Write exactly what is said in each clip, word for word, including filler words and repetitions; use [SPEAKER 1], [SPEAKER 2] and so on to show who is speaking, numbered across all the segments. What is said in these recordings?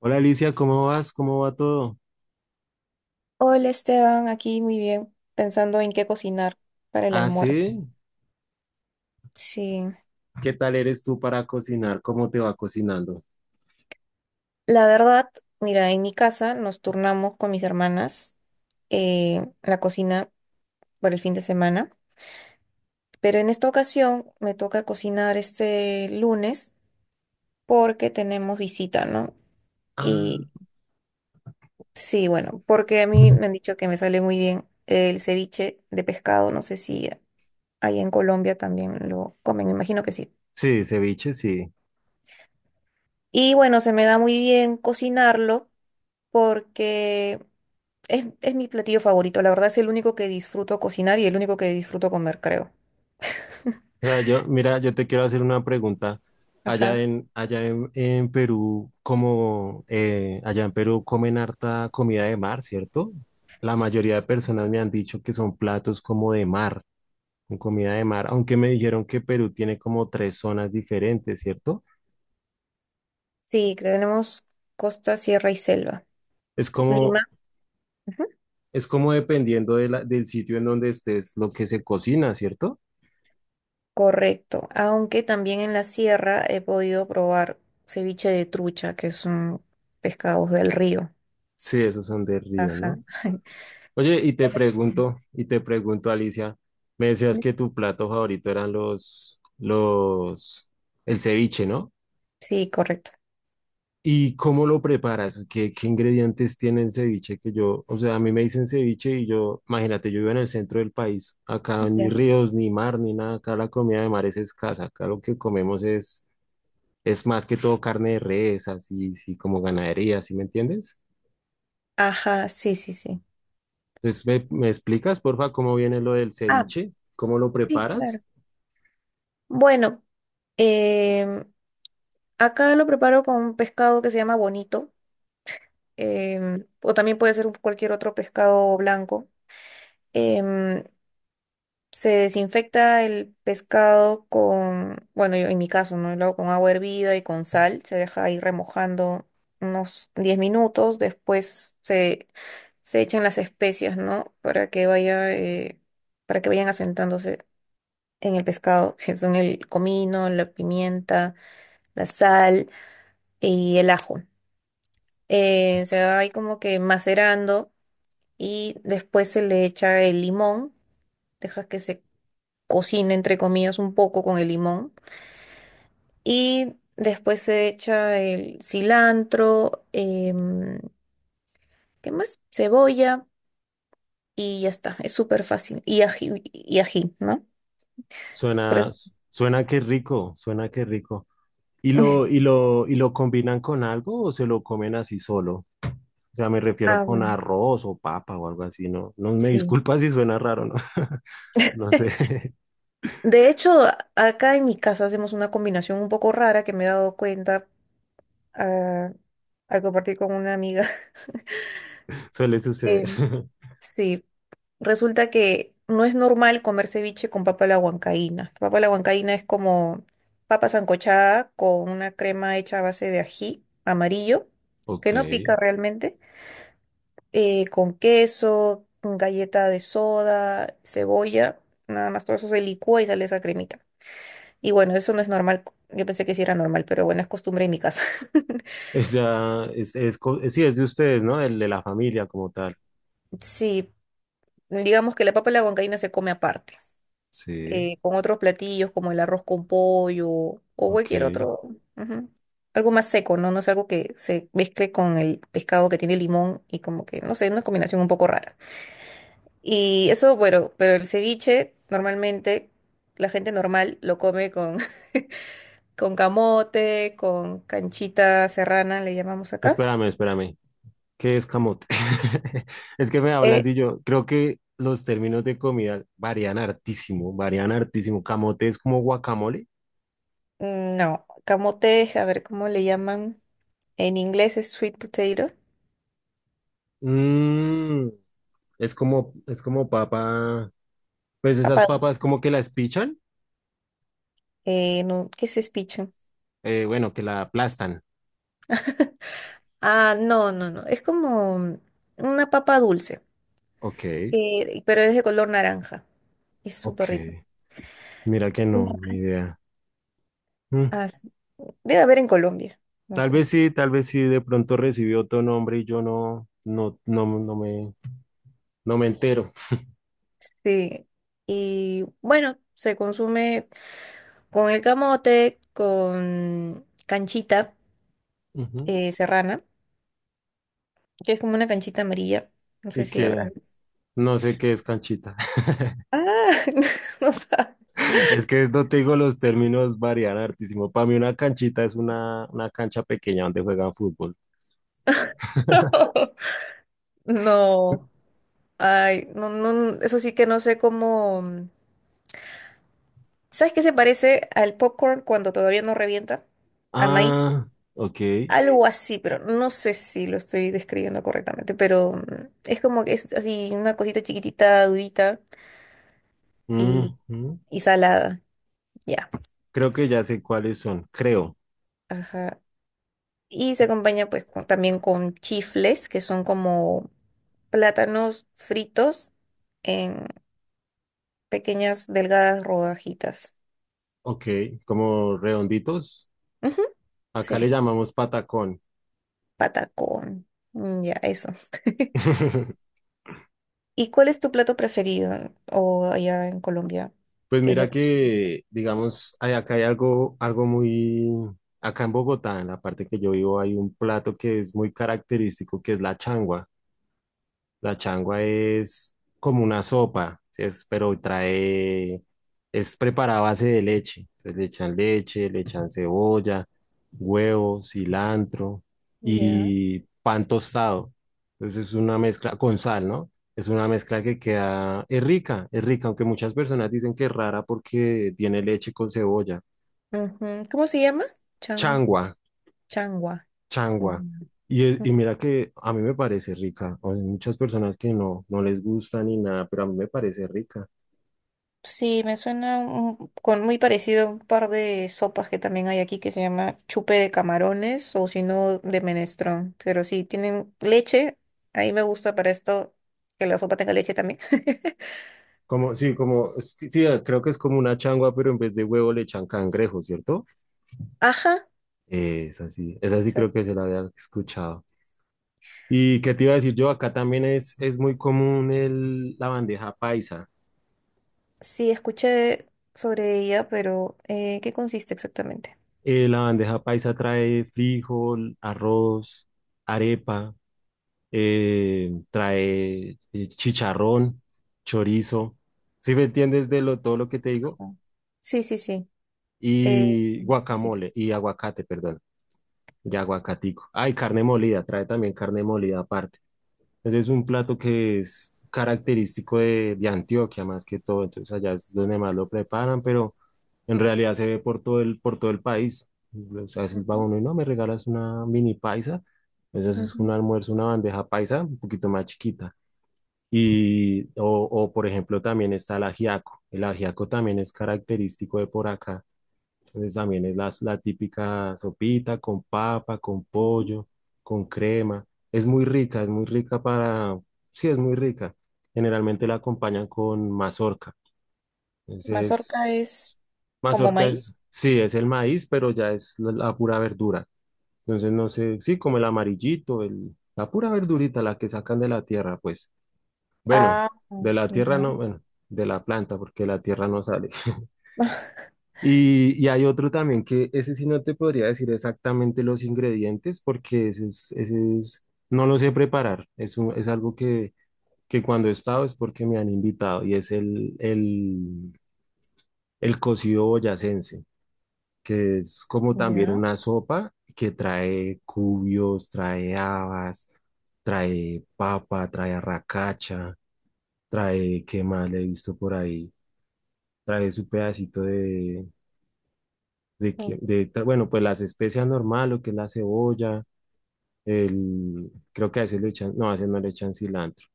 [SPEAKER 1] Hola Alicia, ¿cómo vas? ¿Cómo va todo?
[SPEAKER 2] Hola Esteban, aquí muy bien, pensando en qué cocinar para el
[SPEAKER 1] Ah,
[SPEAKER 2] almuerzo.
[SPEAKER 1] sí.
[SPEAKER 2] Sí,
[SPEAKER 1] ¿Qué tal eres tú para cocinar? ¿Cómo te va cocinando?
[SPEAKER 2] la verdad, mira, en mi casa nos turnamos con mis hermanas eh, la cocina por el fin de semana, pero en esta ocasión me toca cocinar este lunes porque tenemos visita, ¿no?
[SPEAKER 1] Ah,
[SPEAKER 2] Y sí, bueno, porque a mí me han dicho que me sale muy bien el ceviche de pescado, no sé si ahí en Colombia también lo comen, me imagino que sí.
[SPEAKER 1] sí, ceviche, sí.
[SPEAKER 2] Y bueno, se me da muy bien cocinarlo porque es, es mi platillo favorito. La verdad es el único que disfruto cocinar y el único que disfruto comer, creo.
[SPEAKER 1] O sea, yo, mira, yo te quiero hacer una pregunta. Allá
[SPEAKER 2] Ajá.
[SPEAKER 1] en, allá en, en Perú, como eh, allá en Perú comen harta comida de mar, ¿cierto? La mayoría de personas me han dicho que son platos como de mar. Con comida de mar, aunque me dijeron que Perú tiene como tres zonas diferentes, ¿cierto?
[SPEAKER 2] Sí, tenemos costa, sierra y selva.
[SPEAKER 1] Es como,
[SPEAKER 2] Lima. Ujú.
[SPEAKER 1] es como dependiendo de la- del sitio en donde estés, lo que se cocina, ¿cierto?
[SPEAKER 2] Correcto. Aunque también en la sierra he podido probar ceviche de trucha, que son pescados del río.
[SPEAKER 1] Sí, esos son de río,
[SPEAKER 2] Ajá.
[SPEAKER 1] ¿no? Oye, y te pregunto, y te pregunto, Alicia, me decías que tu plato favorito eran los, los, el ceviche, ¿no?
[SPEAKER 2] Sí, correcto.
[SPEAKER 1] ¿Y cómo lo preparas? ¿Qué, qué ingredientes tiene el ceviche? Que yo, o sea, a mí me dicen ceviche y yo, imagínate, yo vivo en el centro del país. Acá ni
[SPEAKER 2] Ya.
[SPEAKER 1] ríos, ni mar, ni nada. Acá la comida de mar es escasa. Acá lo que comemos es, es más que todo carne de res, así, sí, como ganadería, ¿sí me entiendes?
[SPEAKER 2] Ajá, sí, sí, sí.
[SPEAKER 1] Entonces, ¿me, me explicas, porfa, cómo viene lo del
[SPEAKER 2] Ah,
[SPEAKER 1] ceviche? ¿Cómo lo
[SPEAKER 2] sí, claro.
[SPEAKER 1] preparas?
[SPEAKER 2] Bueno, em, acá lo preparo con un pescado que se llama bonito, em, o también puede ser un- cualquier otro pescado blanco. Em, se desinfecta el pescado con, bueno, yo en mi caso, ¿no? Lo hago con agua hervida y con sal. Se deja ahí remojando unos diez minutos. Después se, se echan las especias, ¿no? Para que vaya, eh, para que vayan asentándose en el pescado, que son el comino, la pimienta, la sal y el ajo. Eh, se va ahí como que macerando y después se le echa el limón, dejas que se cocine entre comillas un poco con el limón y después se echa el cilantro, em, ¿qué más? Cebolla y ya está, es súper fácil. Y ají, y ají, ¿no?
[SPEAKER 1] Suena,
[SPEAKER 2] Pero-
[SPEAKER 1] suena que rico, suena que rico. ¿Y lo, y lo, y lo combinan con algo o se lo comen así solo? O sea, me refiero
[SPEAKER 2] ah,
[SPEAKER 1] con
[SPEAKER 2] bueno,
[SPEAKER 1] arroz o papa o algo así, ¿no? No me
[SPEAKER 2] sí.
[SPEAKER 1] disculpa si suena raro, ¿no? No sé,
[SPEAKER 2] De hecho, a- acá en mi casa hacemos una combinación un poco rara que me he dado cuenta a, a compartir con una amiga.
[SPEAKER 1] suele suceder.
[SPEAKER 2] Em, sí, resulta que no es normal comer ceviche con papa a la huancaína. Papa a la huancaína es como papa sancochada con una crema hecha a base de ají amarillo,
[SPEAKER 1] Ok.
[SPEAKER 2] que no pica realmente, eh, con queso, galleta de soda, cebolla, nada más todo eso se licúa y sale esa cremita. Y bueno, eso no es normal. Yo pensé que sí era normal, pero bueno, es costumbre en mi casa.
[SPEAKER 1] O sea, es, es, co- sí, es de ustedes, ¿no? Del- de la familia como tal.
[SPEAKER 2] Sí, digamos que la papa a la huancaína se come aparte.
[SPEAKER 1] Sí,
[SPEAKER 2] Eh, con otros platillos como el arroz con pollo o cualquier
[SPEAKER 1] ok.
[SPEAKER 2] otro, ujú, algo más seco, ¿no? No es algo que se mezcle con el pescado que tiene limón y como que, no sé, una combinación un poco rara. Y eso, bueno, pero el ceviche normalmente la gente normal lo come con, con camote, con canchita serrana, le llamamos acá.
[SPEAKER 1] Espérame, espérame. ¿Qué es camote? Es que me
[SPEAKER 2] Eh,
[SPEAKER 1] hablas y yo creo que los términos de comida varían hartísimo, varían hartísimo. Camote es como guacamole.
[SPEAKER 2] mm, no, camote, a ver cómo le llaman. En inglés es sweet potato.
[SPEAKER 1] Mm, es como, es como papa. Pues esas
[SPEAKER 2] Papá,
[SPEAKER 1] papas como que las pichan.
[SPEAKER 2] eh, no, ¿qué es speech?
[SPEAKER 1] Eh, bueno, que la aplastan.
[SPEAKER 2] Ah, no, no, no. Es como una papa dulce,
[SPEAKER 1] Ok,
[SPEAKER 2] que- pero es de color naranja. Es súper
[SPEAKER 1] ok.
[SPEAKER 2] rico.
[SPEAKER 1] Mira que no, ni idea. Mm,
[SPEAKER 2] Ah, sí. Debe haber en Colombia, no
[SPEAKER 1] tal
[SPEAKER 2] sé.
[SPEAKER 1] vez sí, tal vez sí, de pronto recibió otro nombre y yo no, no, no, no me, no me entero.
[SPEAKER 2] Sí. Y bueno, se consume con el camote, con canchita
[SPEAKER 1] Ujú.
[SPEAKER 2] eh, serrana, que es como una canchita amarilla. No sé
[SPEAKER 1] Y
[SPEAKER 2] si
[SPEAKER 1] que
[SPEAKER 2] habrá.
[SPEAKER 1] no sé qué es canchita.
[SPEAKER 2] Ah, no, sabe.
[SPEAKER 1] Es que no te digo, los términos varían hartísimo. Para mí una canchita es una, una cancha pequeña donde juegan fútbol.
[SPEAKER 2] no. Ay, no, no, eso sí que no sé cómo. ¿Sabes qué se parece al popcorn cuando todavía no revienta? ¿A maíz?
[SPEAKER 1] Ah, ok.
[SPEAKER 2] Algo así, pero no sé si lo estoy describiendo correctamente, pero mm, es como que es así una cosita chiquitita, durita y,
[SPEAKER 1] Ujú.
[SPEAKER 2] y salada. Ya.
[SPEAKER 1] Creo que ya sé cuáles son, creo.
[SPEAKER 2] Ajá. Y se acompaña pues con- también con chifles, que son como plátanos fritos en pequeñas delgadas rodajitas.
[SPEAKER 1] Ok, como redonditos.
[SPEAKER 2] Ujú. Sí,
[SPEAKER 1] Acá le llamamos patacón.
[SPEAKER 2] patacón. Mm. Ya, eso. ¿Y cuál es tu plato preferido? O allá en Colombia,
[SPEAKER 1] Pues
[SPEAKER 2] ¿qué es
[SPEAKER 1] mira
[SPEAKER 2] lo que son?
[SPEAKER 1] que, digamos, hay- acá hay algo, algo muy, acá en Bogotá, en la parte que yo vivo, hay un plato que es muy característico, que es la changua. La changua es como una sopa, ¿sí? Es, pero trae, es preparada a base de leche. Entonces le echan leche, le echan cebolla, huevo, cilantro
[SPEAKER 2] Ya.
[SPEAKER 1] y pan tostado. Entonces es una mezcla con sal, ¿no? Es una mezcla que queda, es rica, es rica, aunque muchas personas dicen que es rara porque tiene leche con cebolla.
[SPEAKER 2] Ujú. ¿Cómo se llama? Chan,
[SPEAKER 1] Changua,
[SPEAKER 2] changua. Ujú.
[SPEAKER 1] changua. Y, es- y
[SPEAKER 2] Ujú.
[SPEAKER 1] mira que a mí me parece rica. O sea, hay muchas personas que no, no les gusta ni nada, pero a mí me parece rica.
[SPEAKER 2] Sí, me suena un- con muy parecido a un par de sopas que también hay aquí que se llama chupe de camarones o si no de menestrón. Pero sí, tienen leche. Ahí me gusta para esto que la sopa tenga leche también.
[SPEAKER 1] Como, sí, como, es que- sí, creo que es como una changua, pero en vez de huevo le echan cangrejo, ¿cierto?
[SPEAKER 2] Ajá.
[SPEAKER 1] Eh, es así, es así creo que
[SPEAKER 2] Exacto.
[SPEAKER 1] se la había escuchado. ¿Y qué te iba a decir yo? Acá también es, es muy común el, la bandeja paisa.
[SPEAKER 2] Sí, escuché sobre ella, pero eh, ¿qué consiste exactamente?
[SPEAKER 1] Eh, la bandeja paisa trae frijol, arroz, arepa, eh, trae eh, chicharrón, chorizo, ¿si me entiendes de lo, todo lo que te digo?
[SPEAKER 2] Ajá. Sí, sí, sí. Eh,
[SPEAKER 1] Y
[SPEAKER 2] sí.
[SPEAKER 1] guacamole, y aguacate, perdón, y aguacatico. Ay, carne molida, trae también carne molida aparte. Entonces es un plato que es característico de, de Antioquia más que todo, entonces allá es donde más lo preparan, pero en realidad se ve por todo el, por todo el país. A veces va
[SPEAKER 2] Ujú,
[SPEAKER 1] uno y no, me regalas una mini paisa. Entonces es un
[SPEAKER 2] ujú,
[SPEAKER 1] almuerzo, una bandeja paisa un poquito más chiquita. Y, o, o, por ejemplo, también está el ajiaco. El ajiaco también es característico de por acá. Entonces también es la, la típica sopita con papa, con
[SPEAKER 2] ujú.
[SPEAKER 1] pollo, con crema. Es muy rica, es muy rica para... Sí, es muy rica. Generalmente la acompañan con mazorca. Entonces,
[SPEAKER 2] Mazorca es como
[SPEAKER 1] mazorca
[SPEAKER 2] maíz.
[SPEAKER 1] es, sí, es el maíz, pero ya es la, la pura verdura. Entonces, no sé, sí, como el amarillito, el, la pura verdurita, la que sacan de la tierra, pues. Bueno,
[SPEAKER 2] Ah,
[SPEAKER 1] de la tierra
[SPEAKER 2] ya.
[SPEAKER 1] no, bueno, de la planta, porque la tierra no sale. Y, y hay otro también que ese sí no te podría decir exactamente los ingredientes, porque ese es, ese es, no lo sé preparar. Es, un- es algo que, que cuando he estado es porque me han invitado y es el, el, el cocido boyacense, que es como también
[SPEAKER 2] Ya.
[SPEAKER 1] una sopa que trae cubios, trae habas, trae papa, trae arracacha, trae, ¿qué más le he visto por ahí? Trae su pedacito de, de, que-
[SPEAKER 2] Mm.
[SPEAKER 1] de ta- bueno, pues las especias normal, lo que es la cebolla, el, creo que a veces le echan, no, a veces no le echan cilantro.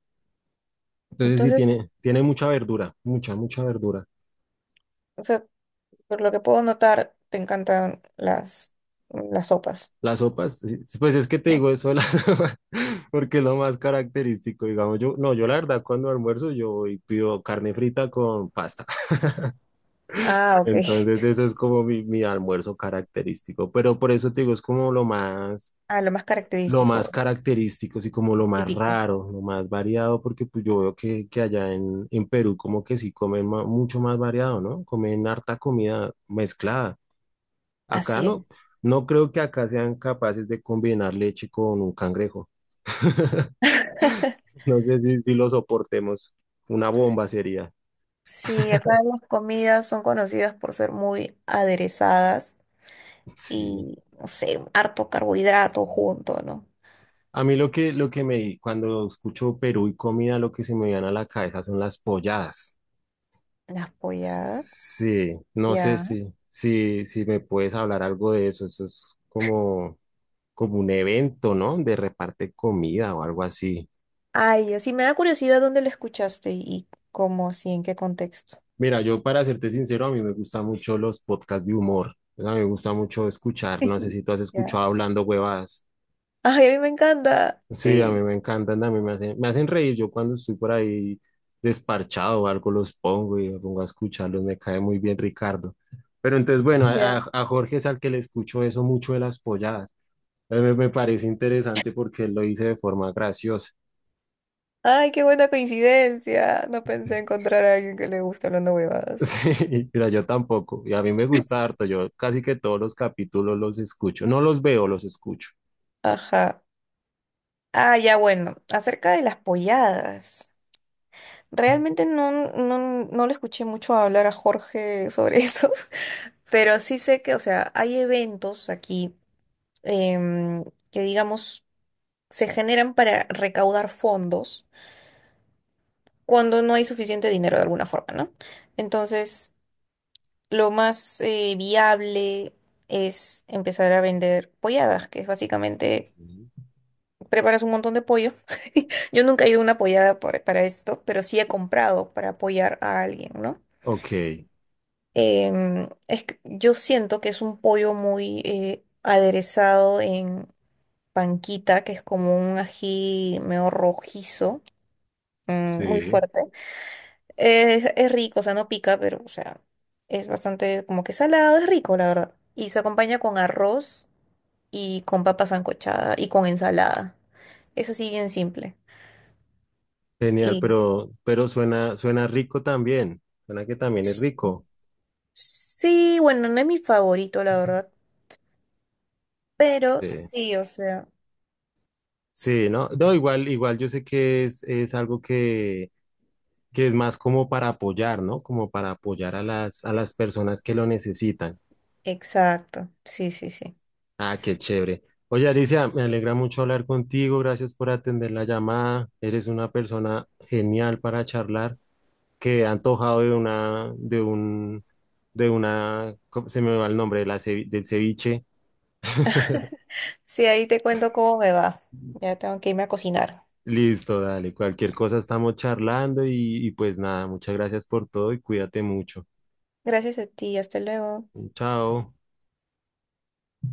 [SPEAKER 1] Entonces sí
[SPEAKER 2] Entonces,
[SPEAKER 1] tiene, tiene mucha verdura, mucha, mucha verdura.
[SPEAKER 2] o sea, por lo que puedo notar, te encantan las, las sopas.
[SPEAKER 1] Las sopas, sí, sí, pues es que te digo eso de las sopas, porque es lo más característico, digamos, yo, no, yo la verdad cuando almuerzo yo voy y pido carne frita con pasta.
[SPEAKER 2] Ah, ok.
[SPEAKER 1] Entonces eso es como mi, mi almuerzo característico, pero por eso te digo, es como lo más,
[SPEAKER 2] Ah, lo más
[SPEAKER 1] lo
[SPEAKER 2] característico,
[SPEAKER 1] más característico, y como
[SPEAKER 2] lo
[SPEAKER 1] lo
[SPEAKER 2] más
[SPEAKER 1] más
[SPEAKER 2] típico.
[SPEAKER 1] raro, lo más variado, porque pues yo veo que, que allá en, en Perú como que sí comen ma- mucho más variado, ¿no? Comen harta comida mezclada. Acá
[SPEAKER 2] Así es.
[SPEAKER 1] no, no creo que acá sean capaces de combinar leche con un cangrejo. No sé si, si lo soportemos. Una
[SPEAKER 2] Ps-
[SPEAKER 1] bomba sería.
[SPEAKER 2] Sí, acá las comidas son conocidas por ser muy aderezadas
[SPEAKER 1] Sí.
[SPEAKER 2] y, no sé, harto carbohidrato junto, ¿no?
[SPEAKER 1] A mí lo que, lo que me, cuando escucho Perú y comida, lo que se me viene a la cabeza son las polladas.
[SPEAKER 2] Las polladas.
[SPEAKER 1] Sí, no sé
[SPEAKER 2] Ya.
[SPEAKER 1] si, si, si me puedes hablar algo de eso. Eso es como, como un evento, ¿no? De reparte comida o algo así.
[SPEAKER 2] Ay, así me da curiosidad dónde lo escuchaste y cómo, así, en qué contexto.
[SPEAKER 1] Mira, yo para serte sincero, a mí me gustan mucho los podcasts de humor. A mí me gusta mucho escuchar. No sé si tú has
[SPEAKER 2] Ya.
[SPEAKER 1] escuchado Hablando Huevadas.
[SPEAKER 2] Ay, a mí me encanta.
[SPEAKER 1] Sí, a mí
[SPEAKER 2] Sí,
[SPEAKER 1] me encantan, a mí me hacen, me hacen reír. Yo cuando estoy por ahí desparchado o algo los pongo y me pongo a escucharlos. Me cae muy bien Ricardo. Pero entonces, bueno, a,
[SPEAKER 2] ya.
[SPEAKER 1] a a Jorge es al que le escucho eso mucho de las polladas. Eh, Me, me parece interesante porque él lo dice de forma graciosa.
[SPEAKER 2] Ay, qué buena coincidencia. No pensé
[SPEAKER 1] Sí,
[SPEAKER 2] encontrar a alguien que le guste hablando huevadas.
[SPEAKER 1] sí, mira, yo tampoco. Y a mí me gusta harto. Yo casi que todos los capítulos los escucho. No los veo, los escucho.
[SPEAKER 2] Ajá. Ah, ya, bueno. Acerca de las polladas. Realmente no, no, no le escuché mucho hablar a Jorge sobre eso. Pero sí sé que, o sea, hay eventos aquí em, que, digamos, se generan para recaudar fondos cuando no hay suficiente dinero de alguna forma, ¿no? Entonces, lo más eh, viable es empezar a vender polladas, que es básicamente
[SPEAKER 1] Ok.
[SPEAKER 2] preparas un montón de pollo. Yo nunca he ido a una pollada por- para esto, pero sí he comprado para apoyar a alguien, ¿no?
[SPEAKER 1] Ok,
[SPEAKER 2] Em, es que yo siento que es un pollo muy eh, aderezado en panquita, que es como un ají medio rojizo, mm, muy
[SPEAKER 1] sí,
[SPEAKER 2] fuerte. Es, es rico, o sea, no pica, pero, o sea, es bastante como que salado, es rico, la verdad. Y se acompaña con arroz y con papa sancochada y con ensalada. Es así bien simple.
[SPEAKER 1] genial,
[SPEAKER 2] Y
[SPEAKER 1] pero, pero suena, suena rico también. Suena que también es
[SPEAKER 2] s-
[SPEAKER 1] rico.
[SPEAKER 2] sí, bueno, no es mi favorito, la verdad, pero
[SPEAKER 1] Sí,
[SPEAKER 2] sí, o sea,
[SPEAKER 1] sí, ¿no? No, igual, igual yo sé que es, es algo que, que es más como para apoyar, ¿no? Como para apoyar a las, a las personas que lo necesitan.
[SPEAKER 2] exacto. Sí, sí, sí.
[SPEAKER 1] Ah, qué chévere. Oye, Alicia, me alegra mucho hablar contigo. Gracias por atender la llamada. Eres una persona genial para charlar, que ha antojado de una, de un, de una, ¿cómo se me va el nombre? De la cevi- del ceviche.
[SPEAKER 2] Sí, ahí te cuento cómo me va. Ya tengo que irme a cocinar.
[SPEAKER 1] Listo, dale. Cualquier cosa estamos charlando y, y pues nada, muchas gracias por todo y cuídate mucho.
[SPEAKER 2] Gracias a ti, hasta luego.
[SPEAKER 1] Chao.